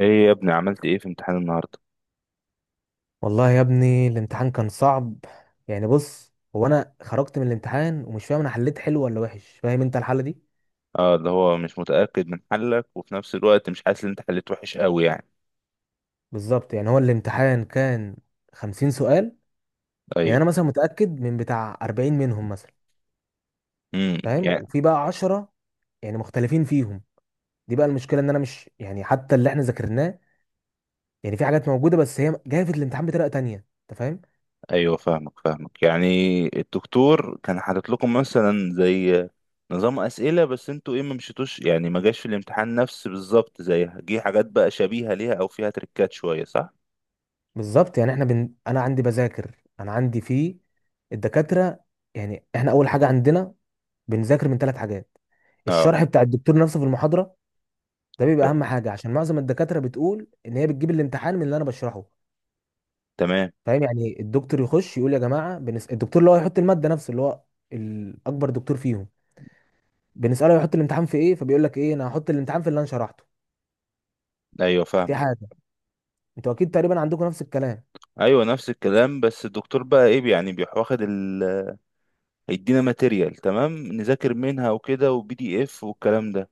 ايه يا ابني عملت ايه في امتحان النهارده؟ والله يا ابني الامتحان كان صعب. يعني بص، هو انا خرجت من الامتحان ومش فاهم انا حليت حلو ولا وحش. فاهم انت الحالة دي؟ اه، اللي هو مش متأكد من حلك وفي نفس الوقت مش حاسس ان انت حليت وحش قوي يعني. بالظبط، يعني هو الامتحان كان 50 سؤال. يعني ايوه. انا مثلا متأكد من بتاع 40 منهم مثلا، فاهم، يعني. وفي بقى 10 يعني مختلفين فيهم. دي بقى المشكلة، ان انا مش يعني حتى اللي احنا ذاكرناه. يعني في حاجات موجودة بس هي جاية في الامتحان بطريقة تانية. انت فاهم؟ ايوه فاهمك يعني. الدكتور كان حاطط لكم مثلا زي نظام أسئلة، بس انتوا ايه، ما مشيتوش يعني، ما جاش في الامتحان نفس بالظبط زيها، جه حاجات بقى شبيهة ليها او فيها تريكات شوية، صح. بالظبط، يعني احنا انا عندي بذاكر، انا عندي في الدكاترة. يعني احنا اول حاجة عندنا بنذاكر من ثلاث حاجات. اه، الشرح بتاع الدكتور نفسه في المحاضره، ده بيبقى ت- اهم حاجه عشان معظم الدكاتره بتقول ان هي بتجيب الامتحان من اللي انا بشرحه. تمام. فاهم؟ يعني الدكتور يخش يقول يا جماعه الدكتور اللي هو يحط الماده نفسه، اللي هو الاكبر دكتور فيهم، بنساله يحط الامتحان في ايه، فبيقول لك ايه: انا هحط الامتحان في اللي انا شرحته. ايوه دي فاهمك. حاجه. انتوا اكيد تقريبا عندكم نفس الكلام. ايوه نفس الكلام، بس الدكتور بقى ايه يعني، بيواخد ال، هيدينا ماتيريال تمام نذاكر منها وكده، وبي دي اف والكلام ده.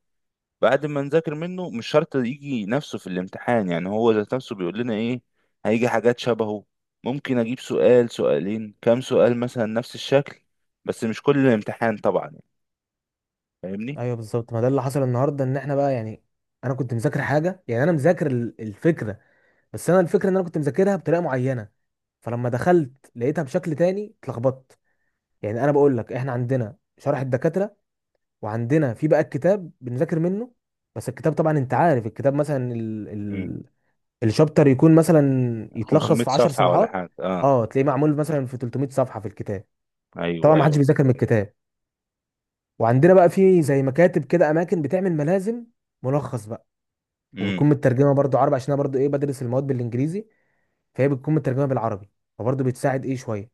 بعد ما نذاكر منه مش شرط يجي نفسه في الامتحان، يعني هو ذات نفسه بيقول لنا ايه، هيجي حاجات شبهه، ممكن اجيب سؤال سؤالين كام سؤال مثلا نفس الشكل، بس مش كل الامتحان طبعا يعني. فاهمني. ايوه بالظبط، ما ده اللي حصل النهارده، ان احنا بقى يعني انا كنت مذاكر حاجه، يعني انا مذاكر الفكره، بس انا الفكره ان انا كنت مذاكرها بطريقه معينه، فلما دخلت لقيتها بشكل تاني اتلخبطت. يعني انا بقول لك احنا عندنا شرح الدكاتره، وعندنا في بقى الكتاب بنذاكر منه. بس الكتاب طبعا انت عارف الكتاب مثلا، امم الشابتر يكون مثلا يتلخص 500 في 10 صفحة ولا صفحات. حاجة؟ اه. اه، تلاقيه معمول مثلا في 300 صفحه في الكتاب. طبعا ما حدش ايوه بيذاكر من الكتاب. وعندنا بقى في زي مكاتب كده، اماكن بتعمل ملازم، ملخص بقى. ايوه. وبتكون مترجمه برضو عربي، عشان انا برضو ايه بدرس المواد بالانجليزي، فهي بتكون مترجمه بالعربي، فبرضو بتساعد ايه شويه.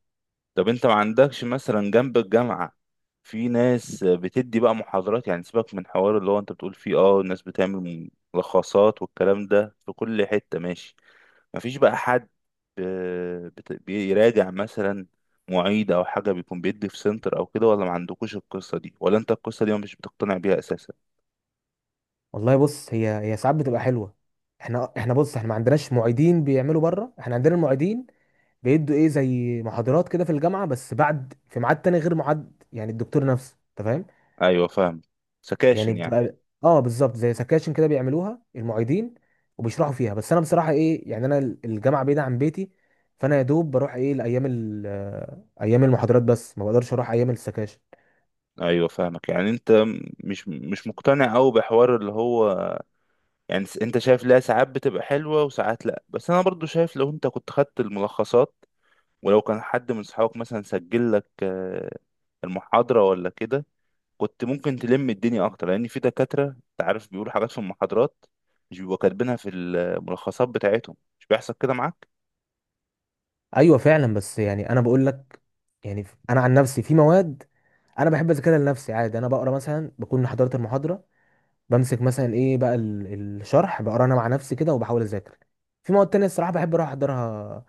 طب انت ما عندكش مثلا جنب الجامعة في ناس بتدي بقى محاضرات؟ يعني سيبك من حوار اللي هو انت بتقول فيه، اه الناس بتعمل ملخصات والكلام ده في كل حتة، ماشي. ما فيش بقى حد، بيراجع مثلا، معيد او حاجة، بيكون بيدي في سنتر او كده؟ ولا ما عندكوش القصة دي، ولا انت القصة دي مش بتقتنع بيها اساسا؟ والله بص، هي ساعات بتبقى حلوه. احنا بص احنا ما عندناش معيدين بيعملوا بره، احنا عندنا المعيدين بيدوا ايه زي محاضرات كده في الجامعه، بس بعد في ميعاد تاني غير ميعاد يعني الدكتور نفسه، انت فاهم؟ ايوه فاهم. يعني سكاشن يعني. بتبقى، اه بالظبط زي سكاشن كده بيعملوها المعيدين، وبيشرحوا فيها. بس انا بصراحه ايه، يعني انا الجامعه بعيده عن بيتي، فانا يا دوب بروح ايه لايام ايام المحاضرات، بس ما بقدرش اروح ايام السكاشن. ايوه فاهمك يعني انت مش مقتنع قوي بحوار اللي هو، يعني انت شايف لها ساعات بتبقى حلوة وساعات لا، بس انا برضو شايف لو انت كنت خدت الملخصات، ولو كان حد من صحابك مثلا سجل لك المحاضرة ولا كده، كنت ممكن تلم الدنيا اكتر، لان في دكاترة انت عارف بيقولوا حاجات في المحاضرات مش بيبقوا كاتبينها في الملخصات بتاعتهم. مش بيحصل كده معاك؟ ايوه فعلا، بس يعني انا بقول لك، يعني انا عن نفسي في مواد انا بحب اذاكرها لنفسي عادي. انا بقرا مثلا، بكون حضرت المحاضره، بمسك مثلا ايه بقى الشرح، بقرا انا مع نفسي كده وبحاول اذاكر. في مواد تانية الصراحه بحب اروح احضرها،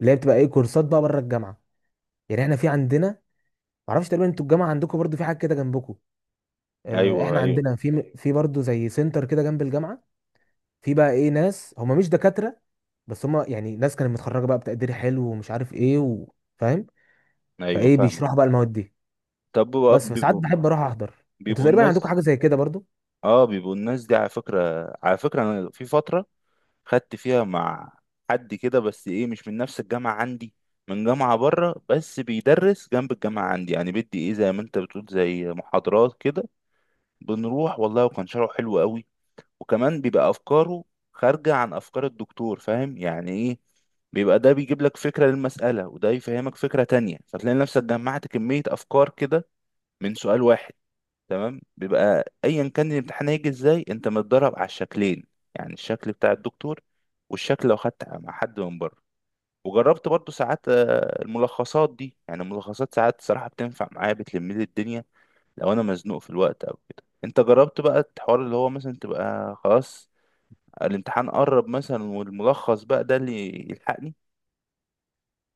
اللي هي بتبقى ايه كورسات بقى بره الجامعه. يعني احنا في عندنا، معرفش تقريبا انتوا الجامعه عندكم برضو في حاجه كده جنبكم؟ آه، ايوه احنا ايوه. عندنا في برضو زي سنتر كده جنب الجامعه. في بقى ايه ناس هم مش دكاتره، بس هم يعني ناس كانت متخرجه بقى بتقدير حلو، ومش عارف ايه. فاهم؟ ايوه فايه فاهمك. بيشرحوا بقى المواد دي. طب بيبقوا بس فساعات بيبقوا بحب اروح احضر، انتوا بيبقوا تقريبا عندكم الناس، حاجه زي كده برضو؟ اه بيبقوا الناس دي على فكرة، على فكرة انا في فترة خدت فيها مع حد كده، بس ايه مش من نفس الجامعة عندي، من جامعة بره بس بيدرس جنب الجامعة عندي، يعني بدي ايه زي ما انت بتقول زي محاضرات كده. بنروح والله، وكان شرحه حلو قوي، وكمان بيبقى افكاره خارجة عن افكار الدكتور. فاهم يعني ايه، بيبقى ده بيجيب لك فكرة للمسألة، وده يفهمك فكرة تانية، فتلاقي نفسك جمعت كمية افكار كده من سؤال واحد. تمام، بيبقى ايا كان الامتحان هيجي ازاي، انت متدرب على الشكلين، يعني الشكل بتاع الدكتور والشكل لو خدت مع حد من بره. وجربت برضو ساعات الملخصات دي، يعني الملخصات ساعات صراحة بتنفع معايا، بتلم لي الدنيا لو انا مزنوق في الوقت او كده. انت جربت بقى الحوار اللي هو مثلا تبقى خلاص الامتحان قرب مثلا والملخص بقى ده اللي يلحقني؟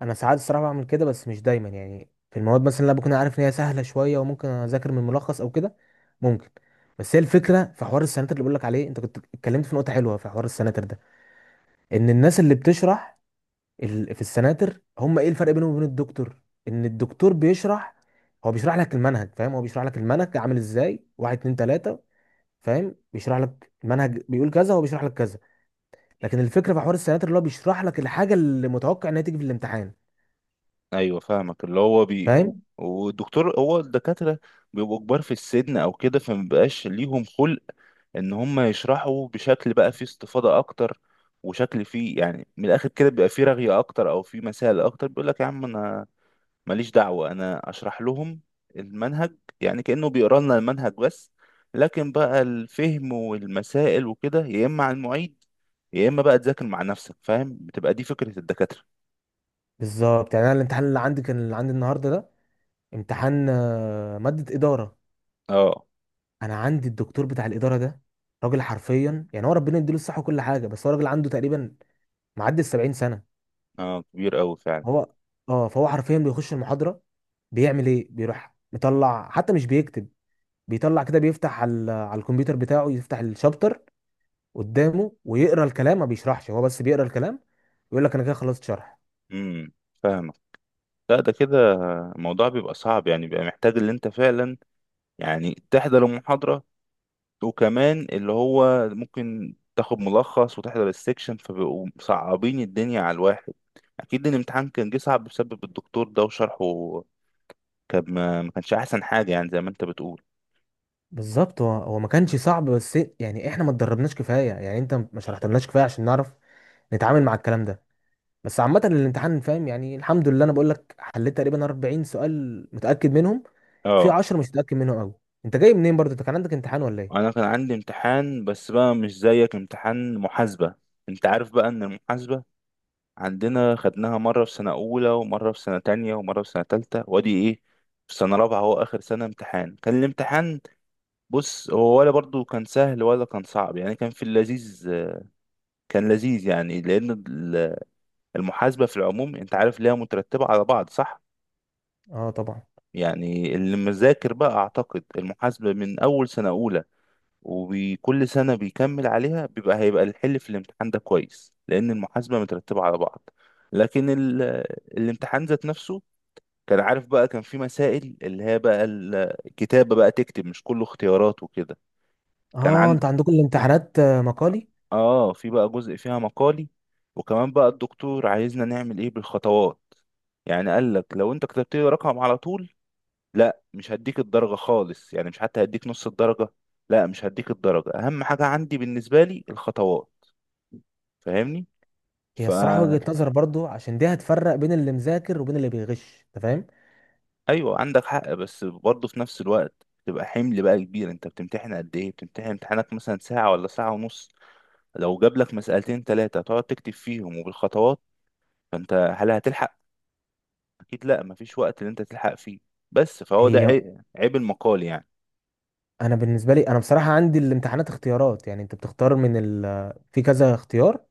انا ساعات الصراحه بعمل كده بس مش دايما، يعني في المواد مثلا اللي أنا بكون عارف ان هي سهله شويه وممكن اذاكر من ملخص او كده ممكن. بس هي الفكره في حوار السناتر اللي بقول لك عليه، انت كنت اتكلمت في نقطه حلوه في حوار السناتر ده. ان الناس اللي بتشرح في السناتر، هم ايه الفرق بينهم وبين الدكتور؟ ان الدكتور بيشرح، هو بيشرح لك المنهج، فاهم، هو بيشرح لك المنهج عامل ازاي، واحد اتنين تلاته، فاهم، بيشرح لك المنهج، بيقول كذا هو بيشرح لك كذا. لكن الفكره في حوار السناتر اللي هو بيشرح لك الحاجه اللي متوقع انها تيجي في الامتحان. ايوه فاهمك، اللي هو فاهم؟ والدكتور، هو الدكاترة بيبقوا كبار في السن او كده، فمبقاش ليهم خلق ان هم يشرحوا بشكل بقى فيه استفاضة اكتر، وشكل فيه يعني من الاخر كده، بيبقى فيه رغية اكتر او فيه مسائل اكتر. بيقول لك يا عم انا ماليش دعوة، انا اشرح لهم المنهج، يعني كأنه بيقرا لنا المنهج بس، لكن بقى الفهم والمسائل وكده يا اما على المعيد يا اما بقى تذاكر مع نفسك. فاهم، بتبقى دي فكرة الدكاترة. بالظبط، يعني انا الامتحان اللي عندي كان، اللي عندي النهارده ده، امتحان ماده اداره. اه. انا عندي الدكتور بتاع الاداره ده راجل حرفيا، يعني هو ربنا يديله الصحه وكل حاجه، بس هو راجل عنده تقريبا معدي ال 70 سنه. اه كبير قوي فعلا. هو اه، فهو حرفيا بيخش المحاضره، بيعمل ايه، بيروح مطلع حتى مش بيكتب. بيطلع كده بيفتح على الكمبيوتر بتاعه، يفتح الشابتر قدامه ويقرا الكلام، ما بيشرحش هو بس بيقرا الكلام. يقول لك انا كده خلصت شرح. امم فاهمك. لا ده كده الموضوع بيبقى صعب، يعني بيبقى محتاج اللي انت فعلا يعني تحضر المحاضرة، وكمان اللي هو ممكن تاخد ملخص وتحضر السكشن، فبيبقوا صعبين الدنيا على الواحد. اكيد الامتحان كان جه صعب بسبب الدكتور ده وشرحه، كان ما كانش احسن حاجة يعني زي ما انت بتقول. بالظبط، هو ما كانش صعب، بس يعني احنا ما اتدربناش كفايه، يعني انت ما شرحتلناش كفايه عشان نعرف نتعامل مع الكلام ده. بس عامه الامتحان، فاهم، يعني الحمد لله انا بقول لك حليت تقريبا 40 سؤال متاكد منهم، في اه 10 مش متاكد منهم قوي. انت جاي منين برضه؟ انت كان عندك امتحان ولا ايه؟ انا كان عندي امتحان، بس بقى مش زيك، امتحان محاسبة. انت عارف بقى ان المحاسبة عندنا خدناها مرة في سنة اولى ومرة في سنة تانية ومرة في سنة تالتة، وادي ايه في سنة رابعة هو اخر سنة امتحان، كان الامتحان، بص هو ولا برضو كان سهل ولا كان صعب، يعني كان في اللذيذ، كان لذيذ يعني. لأن المحاسبة في العموم أنت عارف ليها مترتبة على بعض، صح؟ اه طبعا. يعني اللي مذاكر بقى أعتقد المحاسبة من أول سنة أولى وكل سنة بيكمل عليها، بيبقى هيبقى الحل في الامتحان ده كويس، لأن المحاسبة مترتبة على بعض. لكن الامتحان ذات نفسه كان، عارف بقى، كان في مسائل اللي هي بقى الكتابة، بقى تكتب، مش كله اختيارات وكده. كان اه انت عند عندكم الامتحانات مقالي؟ اه في بقى جزء فيها مقالي، وكمان بقى الدكتور عايزنا نعمل ايه بالخطوات. يعني قال لك لو انت كتبت لي رقم على طول، لا مش هديك الدرجة خالص، يعني مش حتى هديك نص الدرجة، لا مش هديك الدرجة، اهم حاجة عندي بالنسبة لي الخطوات. فاهمني؟ هي فا الصراحه وجهه نظر برضه، عشان دي هتفرق بين اللي مذاكر وبين اللي بيغش، انت فاهم. ايوه عندك حق، بس برضه في نفس الوقت تبقى حمل بقى كبير. انت بتمتحن قد ايه؟ بتمتحن امتحانك مثلا ساعة ولا ساعة ونص، لو جاب لك مسألتين ثلاثة تقعد تكتب فيهم وبالخطوات، فانت هل هتلحق؟ اكيد لا، مفيش وقت اللي انت تلحق فيه. بس فهو ده هي عيب، عيب المقال يعني. انا بالنسبه لي، انا بصراحه عندي الامتحانات اختيارات، يعني انت بتختار من في كذا اختيار،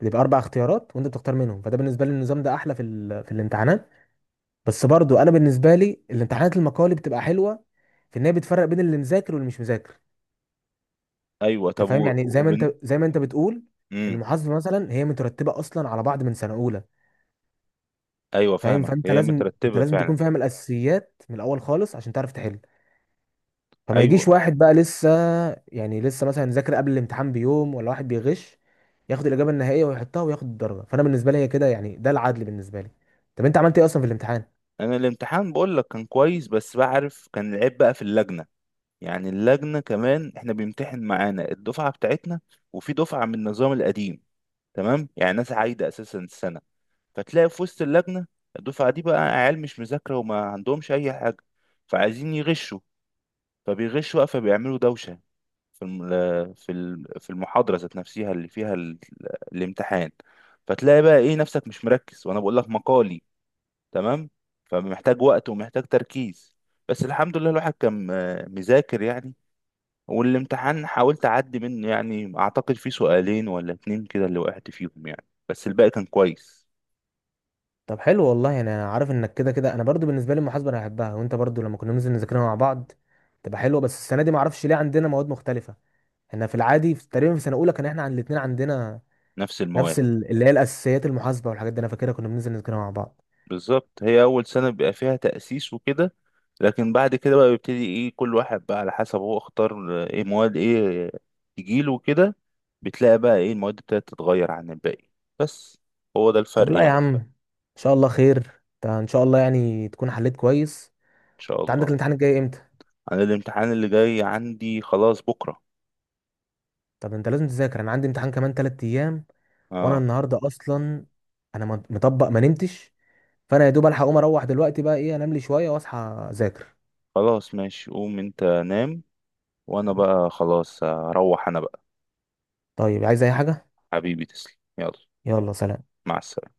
بيبقى اربع اختيارات وانت بتختار منهم، فده بالنسبه لي النظام ده احلى في في الامتحانات. بس برضو انا بالنسبه لي الامتحانات المقالي بتبقى حلوه، في ان هي بتفرق بين اللي مذاكر واللي مش مذاكر. ايوه انت طب فاهم، يعني زي ما انت، بتقول، مم. المحاسبه مثلا هي مترتبه اصلا على بعض من سنه اولى، ايوه فاهم، فاهمك، فانت هي لازم انت مترتبه لازم فعلا. تكون فاهم الاساسيات من الاول خالص عشان تعرف تحل. فما يجيش ايوه واحد بقى لسه، يعني لسه مثلا ذاكر قبل الامتحان بيوم، ولا واحد بيغش ياخد الاجابه النهائيه ويحطها وياخد الدرجه. فانا بالنسبه لي هي كده يعني، ده العدل بالنسبه لي. طب انت عملت ايه اصلا في الامتحان؟ انا الامتحان بقول لك كان كويس، بس بعرف كان العيب بقى في اللجنه. يعني اللجنه كمان، احنا بيمتحن معانا الدفعه بتاعتنا وفي دفعه من النظام القديم، تمام، يعني ناس عايده اساسا السنه، فتلاقي في وسط اللجنه الدفعه دي بقى عيال مش مذاكره وما عندهمش اي حاجه، فعايزين يغشوا، فبيغشوا بقى، فبيعملوا دوشه في المحاضرة ذات نفسها اللي فيها الامتحان. فتلاقي بقى ايه نفسك مش مركز، وانا بقول لك مقالي، تمام، فمحتاج وقت ومحتاج تركيز. بس الحمد لله الواحد كان مذاكر يعني، والامتحان حاولت اعدي منه، يعني اعتقد في سؤالين ولا اتنين كده اللي وقعت فيهم يعني، بس الباقي كان كويس. طب حلو والله، يعني انا عارف انك كده كده، انا برضو بالنسبه لي المحاسبه انا بحبها، وانت برضو لما كنا ننزل نذاكرها مع بعض تبقى حلوه. بس السنه دي ما اعرفش ليه عندنا مواد مختلفه. احنا في العادي في تقريبا في سنه اولى كان احنا عن الاثنين عندنا نفس المواد. نفس اللي هي الاساسيات، المحاسبه والحاجات دي، انا فاكرها كنا بننزل نذاكرها مع بعض. بالظبط، هي أول سنة بيبقى فيها تأسيس وكده، لكن بعد كده بقى بيبتدي إيه كل واحد بقى على حسب هو اختار إيه مواد إيه تجيله كده. بتلاقي بقى إيه المواد ابتدت تتغير عن الباقي، بس هو ده طب الفرق لا يا يعني. عم، ان شاء الله خير. انت ان شاء الله يعني تكون حليت كويس. إن شاء انت عندك الله. الامتحان الجاي امتى؟ أنا الامتحان اللي جاي عندي خلاص بكرة. طب انت لازم تذاكر، انا عندي امتحان كمان 3 ايام. وانا أه. النهارده اصلا انا مطبق ما نمتش. فانا يا دوب الحق اقوم اروح دلوقتي بقى ايه، انام لي شويه واصحى اذاكر. خلاص ماشي، قوم أنت نام، وأنا بقى خلاص هروح أنا بقى. طيب عايز اي حاجه؟ حبيبي تسلم، يلا. يلا سلام. مع السلامة.